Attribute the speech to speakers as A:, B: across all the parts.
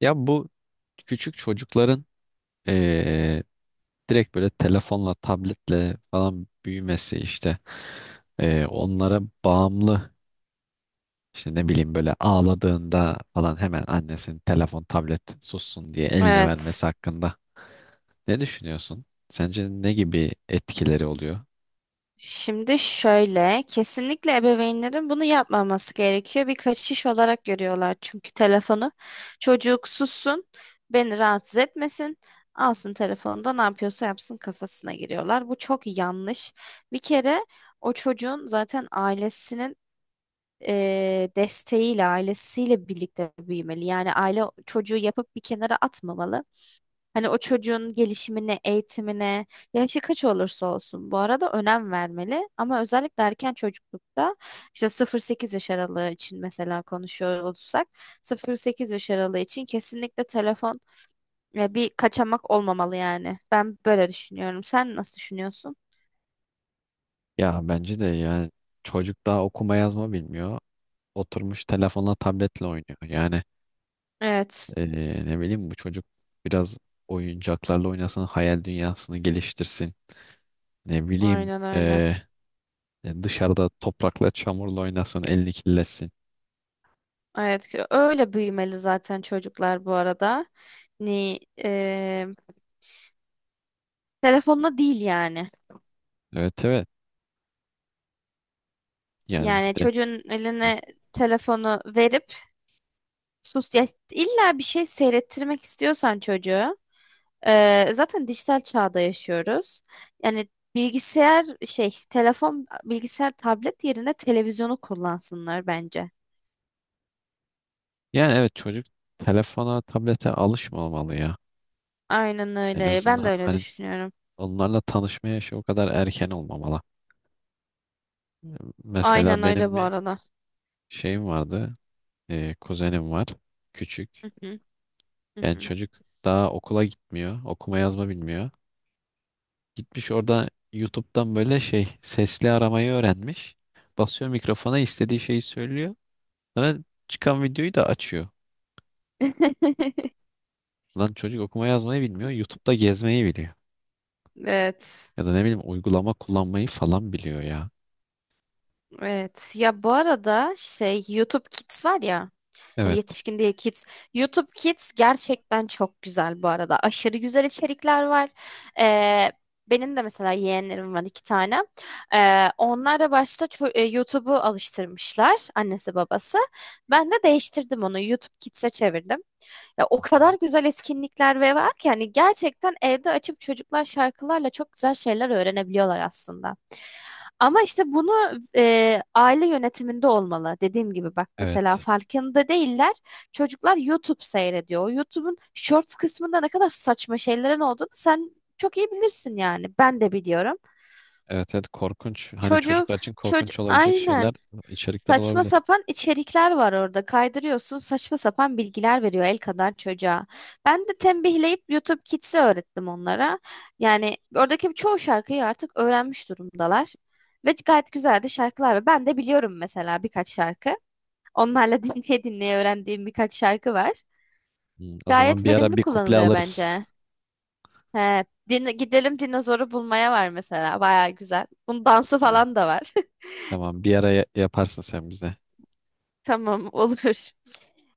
A: Ya bu küçük çocukların eee, direkt böyle telefonla, tabletle falan büyümesi işte, onlara bağımlı, işte ne bileyim böyle ağladığında falan hemen annesinin telefon, tablet sussun diye eline
B: Evet.
A: vermesi hakkında ne düşünüyorsun? Sence ne gibi etkileri oluyor?
B: Şimdi şöyle, kesinlikle ebeveynlerin bunu yapmaması gerekiyor. Bir kaçış olarak görüyorlar çünkü telefonu. Çocuk sussun, beni rahatsız etmesin, alsın telefonda ne yapıyorsa yapsın kafasına giriyorlar. Bu çok yanlış. Bir kere o çocuğun zaten ailesinin desteğiyle, ailesiyle birlikte büyümeli. Yani aile çocuğu yapıp bir kenara atmamalı. Hani o çocuğun gelişimine, eğitimine, yaşı kaç olursa olsun bu arada önem vermeli. Ama özellikle erken çocuklukta işte 0-8 yaş aralığı için mesela konuşuyor olursak 0-8 yaş aralığı için kesinlikle telefon bir kaçamak olmamalı yani. Ben böyle düşünüyorum. Sen nasıl düşünüyorsun?
A: Ya bence de yani çocuk daha okuma yazma bilmiyor. Oturmuş telefonla tabletle oynuyor. Yani
B: Evet,
A: ne bileyim bu çocuk biraz oyuncaklarla oynasın, hayal dünyasını geliştirsin. Ne bileyim
B: aynen öyle.
A: dışarıda toprakla çamurla oynasın, elini kirletsin.
B: Evet, ki öyle büyümeli zaten çocuklar bu arada. Ni, e, Telefonla değil yani.
A: Evet, evet. Yani
B: Yani
A: bir de
B: çocuğun
A: hı,
B: eline telefonu verip sus ya illa bir şey seyrettirmek istiyorsan çocuğu zaten dijital çağda yaşıyoruz. Yani bilgisayar şey telefon bilgisayar tablet yerine televizyonu kullansınlar bence.
A: yani evet, çocuk telefona, tablete alışmamalı ya.
B: Aynen
A: En
B: öyle. Ben de
A: azından
B: öyle
A: hani
B: düşünüyorum.
A: onlarla tanışma yaşı o kadar erken olmamalı.
B: Aynen
A: Mesela
B: öyle
A: benim
B: bu
A: bir
B: arada.
A: şeyim vardı. E, kuzenim var. Küçük.
B: Hı hı, hı
A: Yani
B: hı.
A: çocuk daha okula gitmiyor. Okuma yazma bilmiyor. Gitmiş orada YouTube'dan böyle şey sesli aramayı öğrenmiş. Basıyor mikrofona istediği şeyi söylüyor. Sonra çıkan videoyu da açıyor. Lan çocuk okuma yazmayı bilmiyor. YouTube'da gezmeyi biliyor.
B: Evet.
A: Ya da ne bileyim uygulama kullanmayı falan biliyor ya.
B: Evet. Ya bu arada şey YouTube Kids var ya. Hani
A: Evet.
B: yetişkin değil kids. YouTube Kids gerçekten çok güzel bu arada. Aşırı güzel içerikler var. Ee, benim de mesela yeğenlerim var 2 tane. Onlar da başta YouTube'u alıştırmışlar annesi babası. Ben de değiştirdim onu. YouTube Kids'e çevirdim. Ya o
A: Hı.
B: kadar güzel etkinlikler ve var ki hani gerçekten evde açıp çocuklar şarkılarla çok güzel şeyler öğrenebiliyorlar aslında. Ama işte bunu aile yönetiminde olmalı. Dediğim gibi bak mesela
A: Evet.
B: farkında değiller. Çocuklar YouTube seyrediyor. O YouTube'un Shorts kısmında ne kadar saçma şeylerin olduğunu sen çok iyi bilirsin yani. Ben de biliyorum.
A: Evet, evet, korkunç. Hani
B: Çocuk
A: çocuklar için
B: çocuk,
A: korkunç olabilecek şeyler,
B: aynen.
A: içerikler
B: Saçma
A: olabilir.
B: sapan içerikler var orada. Kaydırıyorsun, saçma sapan bilgiler veriyor el kadar çocuğa. Ben de tembihleyip YouTube Kids'i öğrettim onlara. Yani oradaki çoğu şarkıyı artık öğrenmiş durumdalar. Ve gayet güzel de şarkılar var. Ben de biliyorum mesela birkaç şarkı. Onlarla dinleye dinleye öğrendiğim birkaç şarkı var.
A: Hmm, o zaman
B: Gayet
A: bir ara
B: verimli
A: bir kuple
B: kullanılıyor
A: alırız.
B: bence. He, gidelim dinozoru bulmaya var mesela. Baya güzel. Bunun dansı
A: Hı.
B: falan da var.
A: Tamam, bir ara yaparsın sen bize.
B: Tamam olur.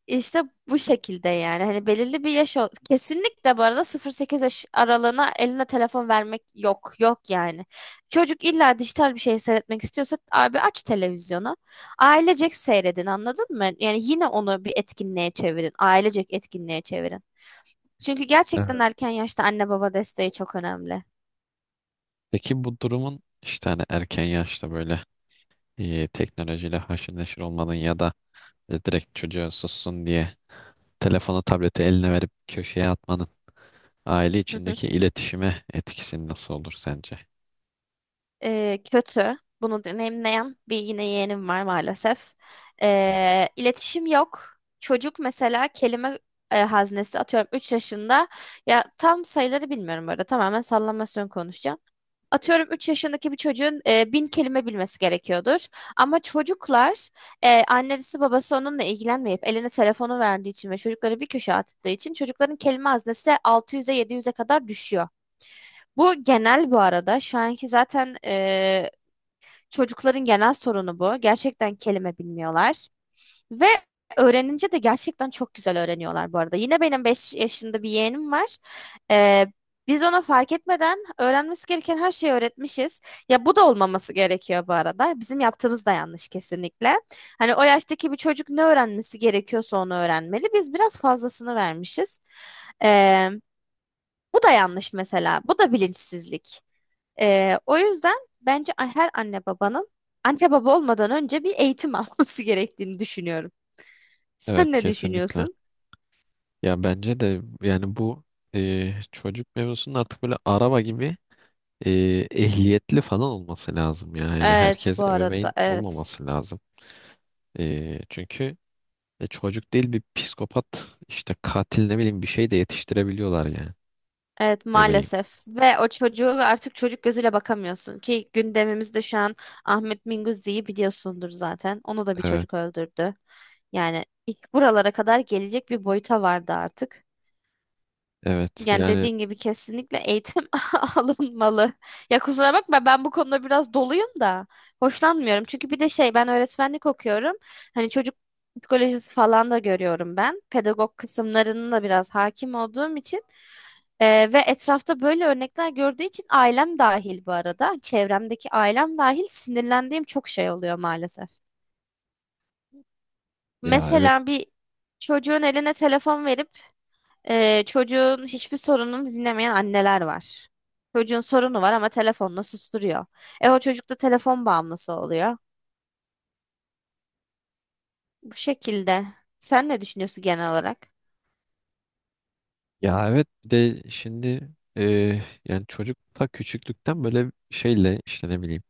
B: İşte bu şekilde yani hani belirli bir kesinlikle bu arada 0-8 yaş aralığına eline telefon vermek yok yok yani. Çocuk illa dijital bir şey seyretmek istiyorsa abi aç televizyonu. Ailecek seyredin anladın mı? Yani yine onu bir etkinliğe çevirin. Ailecek etkinliğe çevirin. Çünkü gerçekten
A: Evet.
B: erken yaşta anne baba desteği çok önemli.
A: Peki bu durumun işte hani erken yaşta böyle e, teknolojiyle haşır neşir olmanın ya da e, direkt çocuğa sussun diye telefonu tableti eline verip köşeye atmanın aile
B: Hı hı.
A: içindeki iletişime etkisi nasıl olur sence?
B: Kötü. Bunu deneyimleyen bir yine yeğenim var maalesef. İletişim yok. Çocuk mesela kelime haznesi atıyorum 3 yaşında. Ya tam sayıları bilmiyorum burada. Tamamen sallamasyon konuşacağım. Atıyorum 3 yaşındaki bir çocuğun 1.000 kelime bilmesi gerekiyordur. Ama çocuklar annesi babası onunla ilgilenmeyip eline telefonu verdiği için ve çocukları bir köşeye attığı için çocukların kelime haznesi 600'e 700'e kadar düşüyor. Bu genel bu arada. Şu anki zaten çocukların genel sorunu bu. Gerçekten kelime bilmiyorlar. Ve öğrenince de gerçekten çok güzel öğreniyorlar bu arada. Yine benim 5 yaşında bir yeğenim var. E, biz ona fark etmeden öğrenmesi gereken her şeyi öğretmişiz. Ya bu da olmaması gerekiyor bu arada. Bizim yaptığımız da yanlış kesinlikle. Hani o yaştaki bir çocuk ne öğrenmesi gerekiyorsa onu öğrenmeli. Biz biraz fazlasını vermişiz. E, bu da yanlış mesela. Bu da bilinçsizlik. O yüzden bence her anne babanın anne baba olmadan önce bir eğitim alması gerektiğini düşünüyorum.
A: Evet,
B: Sen ne
A: kesinlikle.
B: düşünüyorsun?
A: Ya bence de yani bu e, çocuk mevzusunun artık böyle araba gibi e, ehliyetli falan olması lazım ya. Yani
B: Evet bu
A: herkes
B: arada
A: ebeveyn
B: evet.
A: olmaması lazım. E, çünkü e, çocuk değil bir psikopat işte katil ne bileyim bir şey de yetiştirebiliyorlar yani.
B: Evet
A: Ne bileyim.
B: maalesef ve o çocuğu artık çocuk gözüyle bakamıyorsun ki gündemimizde şu an Ahmet Minguzzi'yi biliyorsundur zaten. Onu da bir
A: Evet,
B: çocuk öldürdü. Yani ilk buralara kadar gelecek bir boyuta vardı artık.
A: evet
B: Yani
A: yani,
B: dediğin gibi kesinlikle eğitim alınmalı. Ya kusura bakma ben bu konuda biraz doluyum da hoşlanmıyorum. Çünkü bir de şey ben öğretmenlik okuyorum. Hani çocuk psikolojisi falan da görüyorum ben. Pedagog kısımlarının da biraz hakim olduğum için. Ve etrafta böyle örnekler gördüğü için ailem dahil bu arada. Çevremdeki ailem dahil sinirlendiğim çok şey oluyor maalesef.
A: ya evet.
B: Mesela bir çocuğun eline telefon verip çocuğun hiçbir sorununu dinlemeyen anneler var. Çocuğun sorunu var ama telefonla susturuyor. E o çocuk da telefon bağımlısı oluyor. Bu şekilde. Sen ne düşünüyorsun genel olarak?
A: Ya evet bir de şimdi e, yani çocukta küçüklükten böyle şeyle işte ne bileyim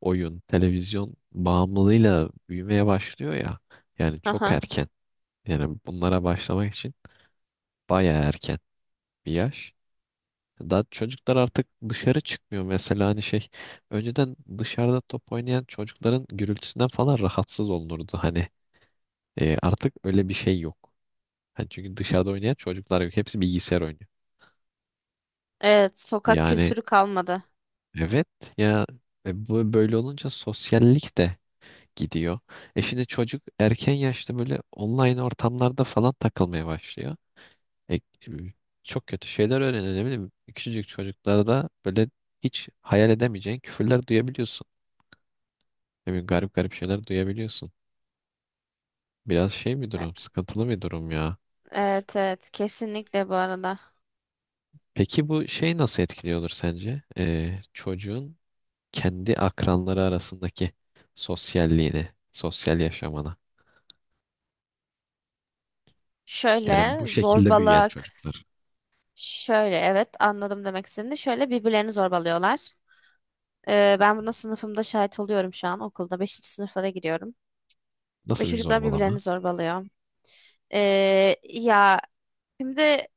A: oyun, televizyon bağımlılığıyla büyümeye başlıyor ya. Yani çok
B: Aha.
A: erken. Yani bunlara başlamak için bayağı erken bir yaş. Daha çocuklar artık dışarı çıkmıyor. Mesela hani şey, önceden dışarıda top oynayan çocukların gürültüsünden falan rahatsız olunurdu. Hani e, artık öyle bir şey yok. Hani çünkü dışarıda oynayan çocuklar yok. Hepsi bilgisayar oynuyor.
B: Evet, sokak
A: Yani
B: kültürü kalmadı.
A: evet ya, e, bu böyle olunca sosyallik de gidiyor. E şimdi çocuk erken yaşta böyle online ortamlarda falan takılmaya başlıyor. E, e, çok kötü şeyler öğreniyor ne bileyim. Küçücük çocuklarda böyle hiç hayal edemeyeceğin küfürler duyabiliyorsun. Ne bileyim, garip garip şeyler duyabiliyorsun. Biraz şey bir
B: E-
A: durum, sıkıntılı bir durum ya.
B: Evet, evet, kesinlikle bu arada.
A: Peki bu şey nasıl etkiliyordur sence? E, çocuğun kendi akranları arasındaki sosyalliğini, sosyal yaşamını. Yani
B: Şöyle
A: bu şekilde büyüyen
B: zorbalık.
A: çocuklar.
B: Şöyle evet, anladım demek istediğini. Şöyle birbirlerini zorbalıyorlar. Ben buna sınıfımda şahit oluyorum şu an okulda. Beşinci sınıflara giriyorum. Ve
A: Nasıl bir
B: çocuklar birbirlerini
A: zorbalama?
B: zorbalıyor. Ya, şimdi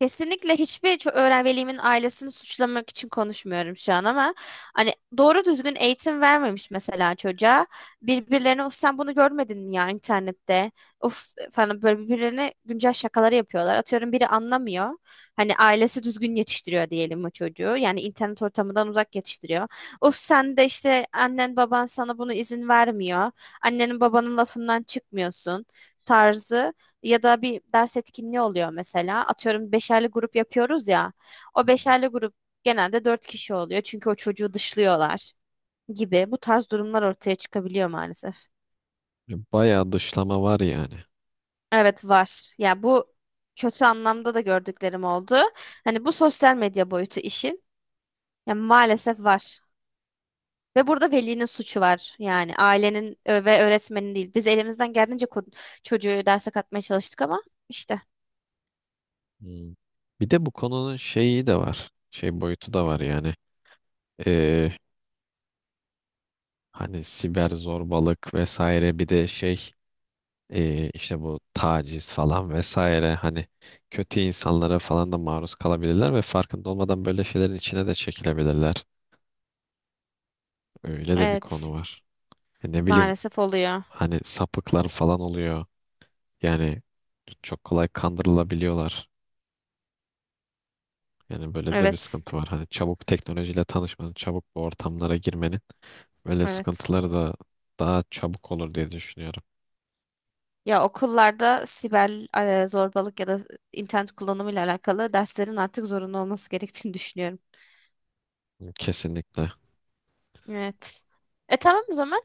B: kesinlikle hiçbir ço- öğren velimin ailesini suçlamak için konuşmuyorum şu an ama hani doğru düzgün eğitim vermemiş mesela çocuğa. Birbirlerine of sen bunu görmedin mi ya internette? Of falan böyle birbirlerine güncel şakaları yapıyorlar. Atıyorum biri anlamıyor. Hani ailesi düzgün yetiştiriyor diyelim o çocuğu. Yani internet ortamından uzak yetiştiriyor. Of sen de işte annen baban sana bunu izin vermiyor. Annenin babanın lafından çıkmıyorsun tarzı. Ya da bir ders etkinliği oluyor mesela. Atıyorum beşerli grup yapıyoruz ya. O beşerli grup genelde 4 kişi oluyor. Çünkü o çocuğu dışlıyorlar gibi. Bu tarz durumlar ortaya çıkabiliyor maalesef.
A: Bayağı dışlama var yani.
B: Evet var. Ya bu kötü anlamda da gördüklerim oldu. Hani bu sosyal medya boyutu işin. Ya maalesef var. Ve burada velinin suçu var. Yani ailenin ve öğretmenin değil. Biz elimizden geldiğince çocuğu derse katmaya çalıştık ama işte.
A: Hmm. Bir de bu konunun şeyi de var. Şey boyutu da var yani. Ee, hani siber zorbalık vesaire, bir de şey işte bu taciz falan vesaire, hani kötü insanlara falan da maruz kalabilirler ve farkında olmadan böyle şeylerin içine de çekilebilirler. Öyle de bir konu
B: Evet.
A: var. E ne bileyim
B: Maalesef oluyor.
A: hani sapıklar falan oluyor. Yani çok kolay kandırılabiliyorlar. Yani böyle de bir
B: Evet,
A: sıkıntı var. Hani çabuk teknolojiyle tanışmanın, çabuk bu ortamlara girmenin böyle
B: evet.
A: sıkıntıları da daha çabuk olur diye düşünüyorum.
B: Ya okullarda siber zorbalık ya da internet kullanımıyla alakalı derslerin artık zorunlu olması gerektiğini düşünüyorum.
A: Kesinlikle.
B: Evet. E tamam o zaman.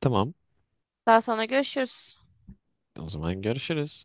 A: Tamam.
B: Daha sonra görüşürüz.
A: O zaman görüşürüz.